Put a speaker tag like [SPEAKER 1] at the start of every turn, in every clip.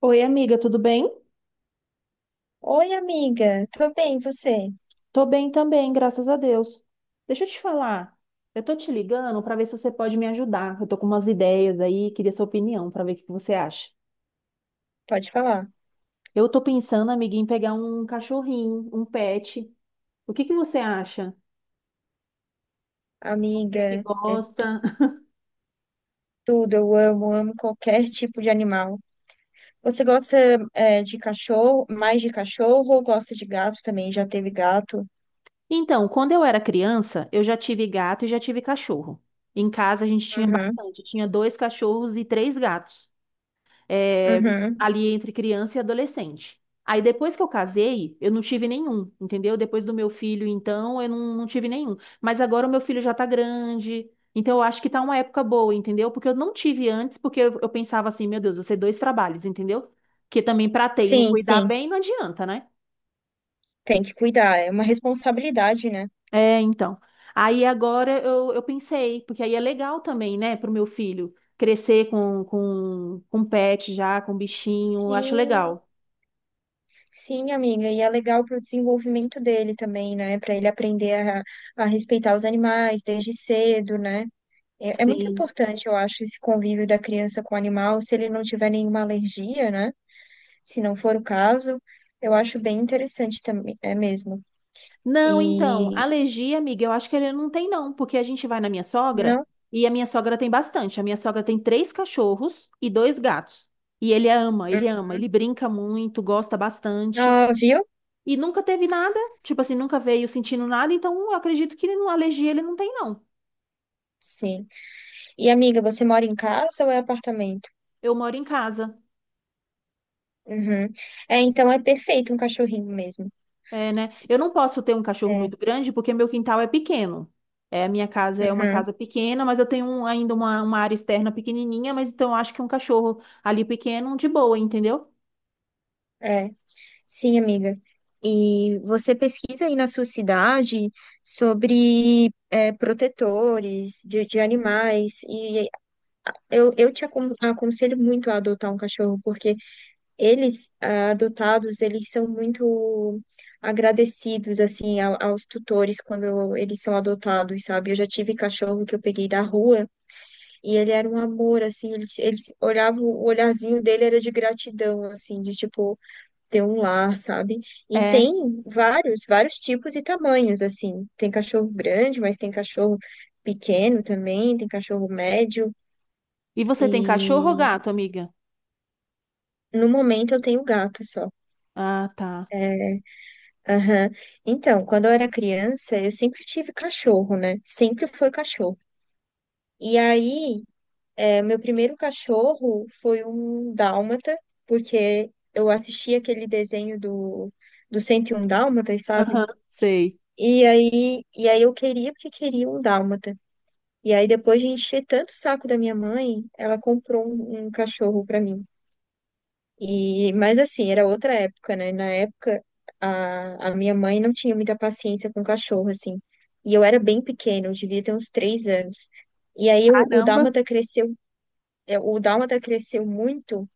[SPEAKER 1] Oi, amiga, tudo bem?
[SPEAKER 2] Oi, amiga. Tô bem, e você?
[SPEAKER 1] Tô bem também, graças a Deus. Deixa eu te falar, eu tô te ligando para ver se você pode me ajudar. Eu tô com umas ideias aí, queria sua opinião para ver o que você acha.
[SPEAKER 2] Pode falar.
[SPEAKER 1] Eu tô pensando, amiga, em pegar um cachorrinho, um pet. O que você acha? Você que
[SPEAKER 2] Amiga,
[SPEAKER 1] gosta.
[SPEAKER 2] tudo. Eu amo qualquer tipo de animal. Você gosta, de cachorro, mais de cachorro ou gosta de gato também? Já teve gato?
[SPEAKER 1] Então, quando eu era criança, eu já tive gato e já tive cachorro. Em casa a gente tinha
[SPEAKER 2] Uhum,
[SPEAKER 1] bastante, tinha dois cachorros e três gatos. é,
[SPEAKER 2] uhum.
[SPEAKER 1] Ali entre criança e adolescente. Aí depois que eu casei, eu não tive nenhum, entendeu? Depois do meu filho, então, eu não tive nenhum. Mas agora o meu filho já tá grande, então eu acho que tá uma época boa, entendeu? Porque eu não tive antes, porque eu pensava assim, meu Deus, vou ser dois trabalhos, entendeu? Porque também pra ter e não
[SPEAKER 2] Sim,
[SPEAKER 1] cuidar
[SPEAKER 2] sim.
[SPEAKER 1] bem, não adianta, né?
[SPEAKER 2] Tem que cuidar. É uma responsabilidade, né?
[SPEAKER 1] É, então. Aí agora eu pensei, porque aí é legal também, né, pro meu filho crescer com pet já, com bichinho, acho
[SPEAKER 2] Sim,
[SPEAKER 1] legal.
[SPEAKER 2] sim, amiga. E é legal para o desenvolvimento dele também, né? Para ele aprender a respeitar os animais desde cedo, né? É muito
[SPEAKER 1] Sim.
[SPEAKER 2] importante, eu acho, esse convívio da criança com o animal, se ele não tiver nenhuma alergia, né? Se não for o caso, eu acho bem interessante também, é mesmo.
[SPEAKER 1] Não, então,
[SPEAKER 2] E
[SPEAKER 1] alergia, amiga, eu acho que ele não tem, não, porque a gente vai na minha sogra
[SPEAKER 2] não?
[SPEAKER 1] e a minha sogra tem bastante. A minha sogra tem três cachorros e dois gatos. E ele ama,
[SPEAKER 2] Hum.
[SPEAKER 1] ele ama, ele brinca muito, gosta bastante.
[SPEAKER 2] Ah, viu?
[SPEAKER 1] E nunca teve nada, tipo assim, nunca veio sentindo nada, então eu acredito que ele não- alergia ele não tem, não.
[SPEAKER 2] Sim. E amiga, você mora em casa ou é apartamento?
[SPEAKER 1] Eu moro em casa.
[SPEAKER 2] Uhum. É, então é perfeito um cachorrinho mesmo.
[SPEAKER 1] É, né? Eu não posso ter um cachorro
[SPEAKER 2] É.
[SPEAKER 1] muito grande porque meu quintal é pequeno. É, a minha casa é uma
[SPEAKER 2] Uhum.
[SPEAKER 1] casa pequena, mas eu tenho um- ainda uma área externa pequenininha, mas então eu acho que um cachorro ali pequeno, de boa, entendeu?
[SPEAKER 2] É. Sim, amiga. E você pesquisa aí na sua cidade sobre protetores de animais e eu te aconselho muito a adotar um cachorro, porque eles, ah, adotados, eles são muito agradecidos, assim, aos tutores quando eles são adotados, sabe? Eu já tive cachorro que eu peguei da rua e ele era um amor, assim, ele olhava, o olharzinho dele era de gratidão, assim, de, tipo, ter um lar, sabe? E
[SPEAKER 1] É.
[SPEAKER 2] tem vários tipos e tamanhos, assim. Tem cachorro grande, mas tem cachorro pequeno também, tem cachorro médio,
[SPEAKER 1] E você tem cachorro ou
[SPEAKER 2] e
[SPEAKER 1] gato, amiga?
[SPEAKER 2] no momento eu tenho gato só.
[SPEAKER 1] Ah, tá.
[SPEAKER 2] É, aham. Então, quando eu era criança, eu sempre tive cachorro, né? Sempre foi cachorro. E aí, é, meu primeiro cachorro foi um dálmata, porque eu assisti aquele desenho do 101 Dálmatas, sabe?
[SPEAKER 1] Aham, sei.
[SPEAKER 2] E aí eu queria porque queria um dálmata. E aí, depois de encher tanto o saco da minha mãe, ela comprou um cachorro pra mim. E, mas assim, era outra época, né? Na época, a minha mãe não tinha muita paciência com cachorro, assim. E eu era bem pequena, eu devia ter uns 3 anos. E aí o
[SPEAKER 1] Caramba,
[SPEAKER 2] Dálmata cresceu, o Dálmata cresceu muito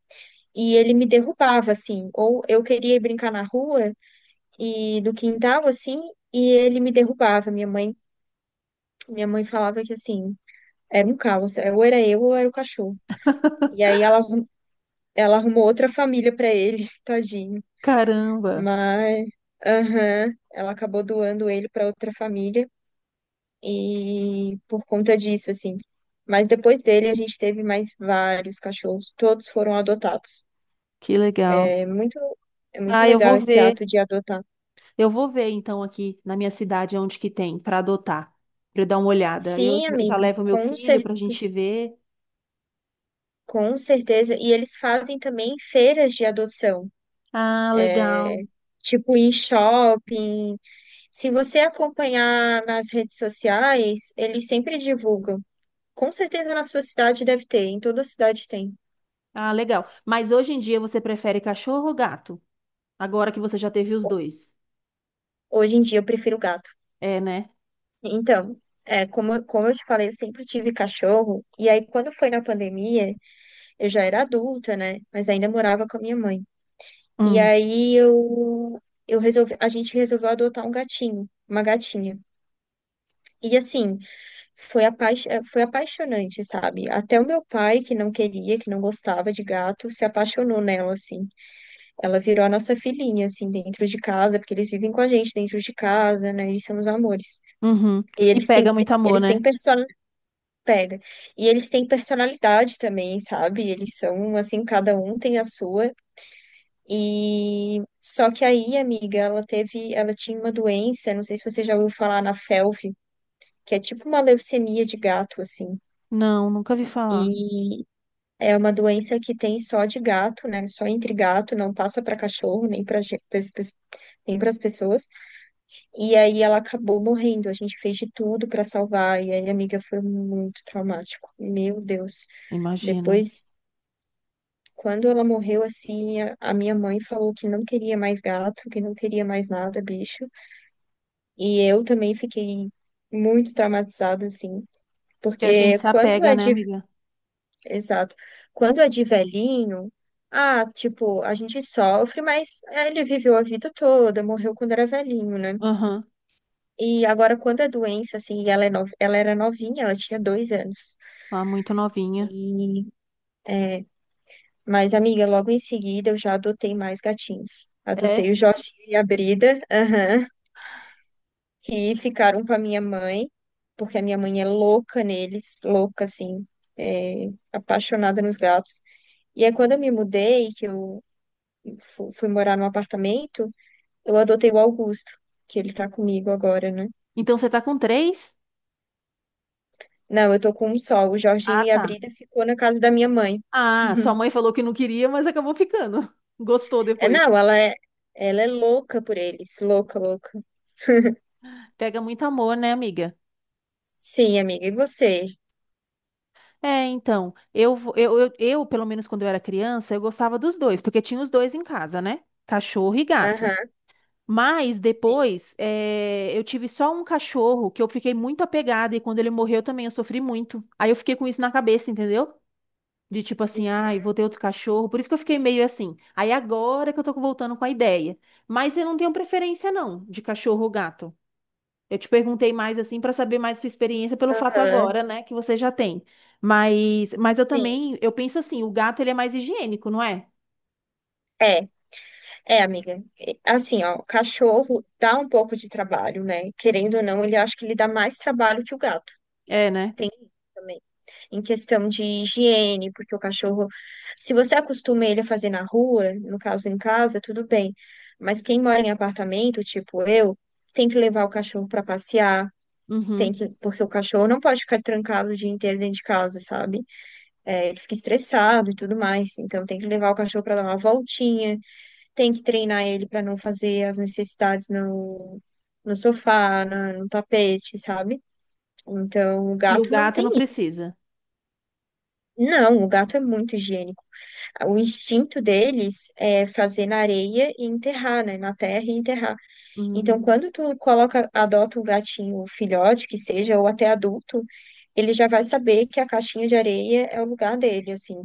[SPEAKER 2] e ele me derrubava, assim. Ou eu queria ir brincar na rua e no quintal, assim, e ele me derrubava. Minha mãe falava que, assim, era um caos. Ou era eu ou era o cachorro. E aí ela arrumou outra família para ele, tadinho.
[SPEAKER 1] caramba,
[SPEAKER 2] Mas, aham, ela acabou doando ele para outra família e por conta disso, assim. Mas depois dele a gente teve mais vários cachorros, todos foram adotados.
[SPEAKER 1] que legal.
[SPEAKER 2] É muito, é muito
[SPEAKER 1] Ah, eu
[SPEAKER 2] legal
[SPEAKER 1] vou
[SPEAKER 2] esse
[SPEAKER 1] ver.
[SPEAKER 2] ato de adotar.
[SPEAKER 1] Eu vou ver então aqui na minha cidade onde que tem para adotar, para dar uma olhada. Eu
[SPEAKER 2] Sim,
[SPEAKER 1] já já
[SPEAKER 2] amigo,
[SPEAKER 1] levo meu filho para a gente ver.
[SPEAKER 2] com certeza. E eles fazem também feiras de adoção,
[SPEAKER 1] Ah,
[SPEAKER 2] é,
[SPEAKER 1] legal.
[SPEAKER 2] tipo em shopping. Se você acompanhar nas redes sociais, eles sempre divulgam. Com certeza na sua cidade deve ter, em toda cidade tem.
[SPEAKER 1] Ah, legal. Mas hoje em dia você prefere cachorro ou gato? Agora que você já teve os
[SPEAKER 2] Ho-
[SPEAKER 1] dois.
[SPEAKER 2] Hoje em dia eu prefiro gato.
[SPEAKER 1] É, né?
[SPEAKER 2] Então, é, como eu te falei, eu sempre tive cachorro, e aí quando foi na pandemia, eu já era adulta, né? Mas ainda morava com a minha mãe. E
[SPEAKER 1] Hum,
[SPEAKER 2] aí eu resolvi, a gente resolveu adotar um gatinho, uma gatinha. E assim, foi apaixonante, sabe? Até o meu pai, que não queria, que não gostava de gato, se apaixonou nela, assim. Ela virou a nossa filhinha, assim, dentro de casa, porque eles vivem com a gente dentro de casa, né? Eles são os amores.
[SPEAKER 1] uhum.
[SPEAKER 2] E
[SPEAKER 1] E
[SPEAKER 2] eles têm,
[SPEAKER 1] pega muito amor,
[SPEAKER 2] eles
[SPEAKER 1] né?
[SPEAKER 2] têm persona... Pega. E eles têm personalidade também, sabe? Eles são, assim, cada um tem a sua. E só que aí, amiga, ela tinha uma doença, não sei se você já ouviu falar na FeLV, que é tipo uma leucemia de gato, assim.
[SPEAKER 1] Não, nunca vi falar.
[SPEAKER 2] E é uma doença que tem só de gato, né? Só entre gato, não passa para cachorro, nem para as pessoas. E aí ela acabou morrendo. A gente fez de tudo para salvar. E aí, amiga, foi muito traumático. Meu Deus.
[SPEAKER 1] Imagino.
[SPEAKER 2] Depois, quando ela morreu, assim, a minha mãe falou que não queria mais gato, que não queria mais nada, bicho. E eu também fiquei muito traumatizada, assim.
[SPEAKER 1] Porque a gente
[SPEAKER 2] Porque
[SPEAKER 1] se
[SPEAKER 2] quando
[SPEAKER 1] apega,
[SPEAKER 2] é
[SPEAKER 1] né,
[SPEAKER 2] de,
[SPEAKER 1] amiga?
[SPEAKER 2] exato, quando é de velhinho, ah, tipo, a gente sofre, mas ele viveu a vida toda, morreu quando era velhinho, né?
[SPEAKER 1] Aham.
[SPEAKER 2] E agora, quando a doença, assim, é nova, ela era novinha, ela tinha 2 anos.
[SPEAKER 1] Lá muito novinha.
[SPEAKER 2] E, é, mas, amiga, logo em seguida eu já adotei mais gatinhos. Adotei
[SPEAKER 1] É.
[SPEAKER 2] o Jorginho e a Brida, aham, que ficaram com a minha mãe, porque a minha mãe é louca neles, louca, assim, é, apaixonada nos gatos. E aí, quando eu me mudei, que eu fui morar num apartamento, eu adotei o Augusto, que ele tá comigo agora, né?
[SPEAKER 1] Então você tá com três?
[SPEAKER 2] Não, eu tô com um só. O Jorginho
[SPEAKER 1] Ah,
[SPEAKER 2] e a
[SPEAKER 1] tá.
[SPEAKER 2] Brida ficou na casa da minha mãe.
[SPEAKER 1] Ah, sua mãe falou que não queria, mas acabou ficando. Gostou
[SPEAKER 2] É,
[SPEAKER 1] depois.
[SPEAKER 2] não, ela é louca por eles. Louca, louca.
[SPEAKER 1] Pega muito amor, né, amiga?
[SPEAKER 2] Sim, amiga. E você?
[SPEAKER 1] É, então, eu, pelo menos quando eu era criança, eu gostava dos dois, porque tinha os dois em casa, né? Cachorro e gato.
[SPEAKER 2] Aham,
[SPEAKER 1] Mas
[SPEAKER 2] sim.
[SPEAKER 1] depois, eu tive só um cachorro que eu fiquei muito apegada e quando ele morreu também eu sofri muito. Aí eu fiquei com isso na cabeça, entendeu? De tipo assim, ai, vou ter outro cachorro. Por isso que eu fiquei meio assim. Aí agora que eu tô voltando com a ideia. Mas eu não tenho preferência não de cachorro ou gato. Eu te perguntei mais assim pra saber mais sua experiência pelo fato
[SPEAKER 2] Aham,
[SPEAKER 1] agora, né, que você já tem. Mas eu
[SPEAKER 2] sim.
[SPEAKER 1] também, eu penso assim, o gato ele é mais higiênico, não é?
[SPEAKER 2] É, amiga. E, assim, ó, o cachorro dá um pouco de trabalho, né? Querendo ou não, ele acho que ele dá mais trabalho que o gato.
[SPEAKER 1] É, né?
[SPEAKER 2] Tem isso também. Em questão de higiene, porque o cachorro, se você acostuma ele a fazer na rua, no caso em casa, tudo bem. Mas quem mora em apartamento, tipo eu, tem que levar o cachorro para passear.
[SPEAKER 1] Uhum.
[SPEAKER 2] Porque o cachorro não pode ficar trancado o dia inteiro dentro de casa, sabe? É, ele fica estressado e tudo mais. Então tem que levar o cachorro para dar uma voltinha, tem que treinar ele para não fazer as necessidades no, no sofá, no tapete, sabe? Então o
[SPEAKER 1] E o
[SPEAKER 2] gato não
[SPEAKER 1] gato
[SPEAKER 2] tem
[SPEAKER 1] não
[SPEAKER 2] isso.
[SPEAKER 1] precisa.
[SPEAKER 2] Não, o gato é muito higiênico. O instinto deles é fazer na areia e enterrar, né? Na terra e enterrar. Então,
[SPEAKER 1] Hum.
[SPEAKER 2] quando tu coloca, adota um gatinho filhote, que seja, ou até adulto, ele já vai saber que a caixinha de areia é o lugar dele, assim.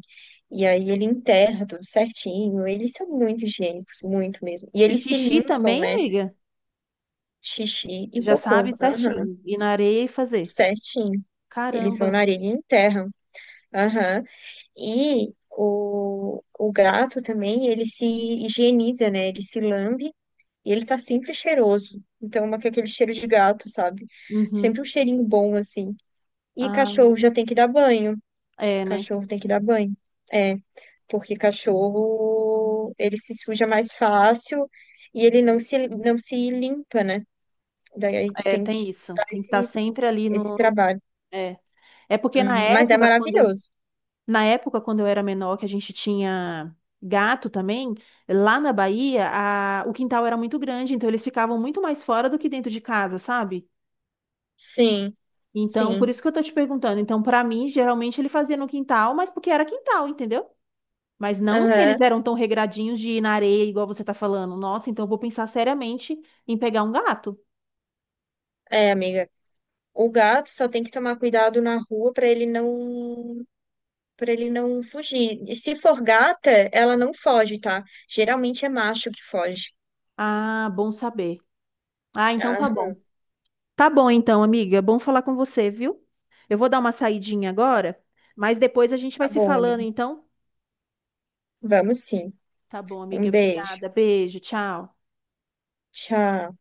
[SPEAKER 2] E aí ele enterra tudo certinho. Eles são muito higiênicos, muito mesmo. E
[SPEAKER 1] E
[SPEAKER 2] eles se
[SPEAKER 1] xixi
[SPEAKER 2] limpam,
[SPEAKER 1] também,
[SPEAKER 2] né?
[SPEAKER 1] amiga?
[SPEAKER 2] Xixi e
[SPEAKER 1] Já
[SPEAKER 2] cocô.
[SPEAKER 1] sabe
[SPEAKER 2] Aham,
[SPEAKER 1] certinho. Ir na areia e fazer.
[SPEAKER 2] certinho. Eles vão
[SPEAKER 1] Caramba.
[SPEAKER 2] na areia e enterram. Aham. E o gato também, ele se higieniza, né? Ele se lambe e ele tá sempre cheiroso. Então, uma que é aquele cheiro de gato, sabe? Sempre
[SPEAKER 1] Uhum.
[SPEAKER 2] um cheirinho bom, assim. E
[SPEAKER 1] Ah,
[SPEAKER 2] cachorro já tem que dar banho.
[SPEAKER 1] é, né?
[SPEAKER 2] Cachorro tem que dar banho. É, porque cachorro, ele se suja mais fácil e ele não se limpa, né? Daí
[SPEAKER 1] É,
[SPEAKER 2] tem que
[SPEAKER 1] tem isso.
[SPEAKER 2] dar
[SPEAKER 1] Tem que estar sempre ali
[SPEAKER 2] esse
[SPEAKER 1] no.
[SPEAKER 2] trabalho.
[SPEAKER 1] É. É porque
[SPEAKER 2] Uhum. Mas é maravilhoso.
[SPEAKER 1] na época, quando eu era menor, que a gente tinha gato também, lá na Bahia, a... o quintal era muito grande, então eles ficavam muito mais fora do que dentro de casa, sabe?
[SPEAKER 2] Sim,
[SPEAKER 1] Então, por
[SPEAKER 2] sim.
[SPEAKER 1] isso que eu tô te perguntando. Então, pra mim, geralmente ele fazia no quintal, mas porque era quintal, entendeu? Mas não que eles
[SPEAKER 2] Aham.
[SPEAKER 1] eram tão regradinhos de ir na areia, igual você tá falando. Nossa, então eu vou pensar seriamente em pegar um gato.
[SPEAKER 2] É, amiga. O gato só tem que tomar cuidado na rua para ele não pra ele não fugir. E se for gata, ela não foge, tá? Geralmente é macho que foge.
[SPEAKER 1] Ah, bom saber. Ah, então tá bom.
[SPEAKER 2] Aham,
[SPEAKER 1] Tá bom então, amiga. Bom falar com você, viu? Eu vou dar uma saidinha agora, mas depois a gente
[SPEAKER 2] tá
[SPEAKER 1] vai se
[SPEAKER 2] bom,
[SPEAKER 1] falando,
[SPEAKER 2] amigo.
[SPEAKER 1] então.
[SPEAKER 2] Vamos sim.
[SPEAKER 1] Tá bom, amiga.
[SPEAKER 2] Um beijo.
[SPEAKER 1] Obrigada. Beijo, tchau.
[SPEAKER 2] Tchau.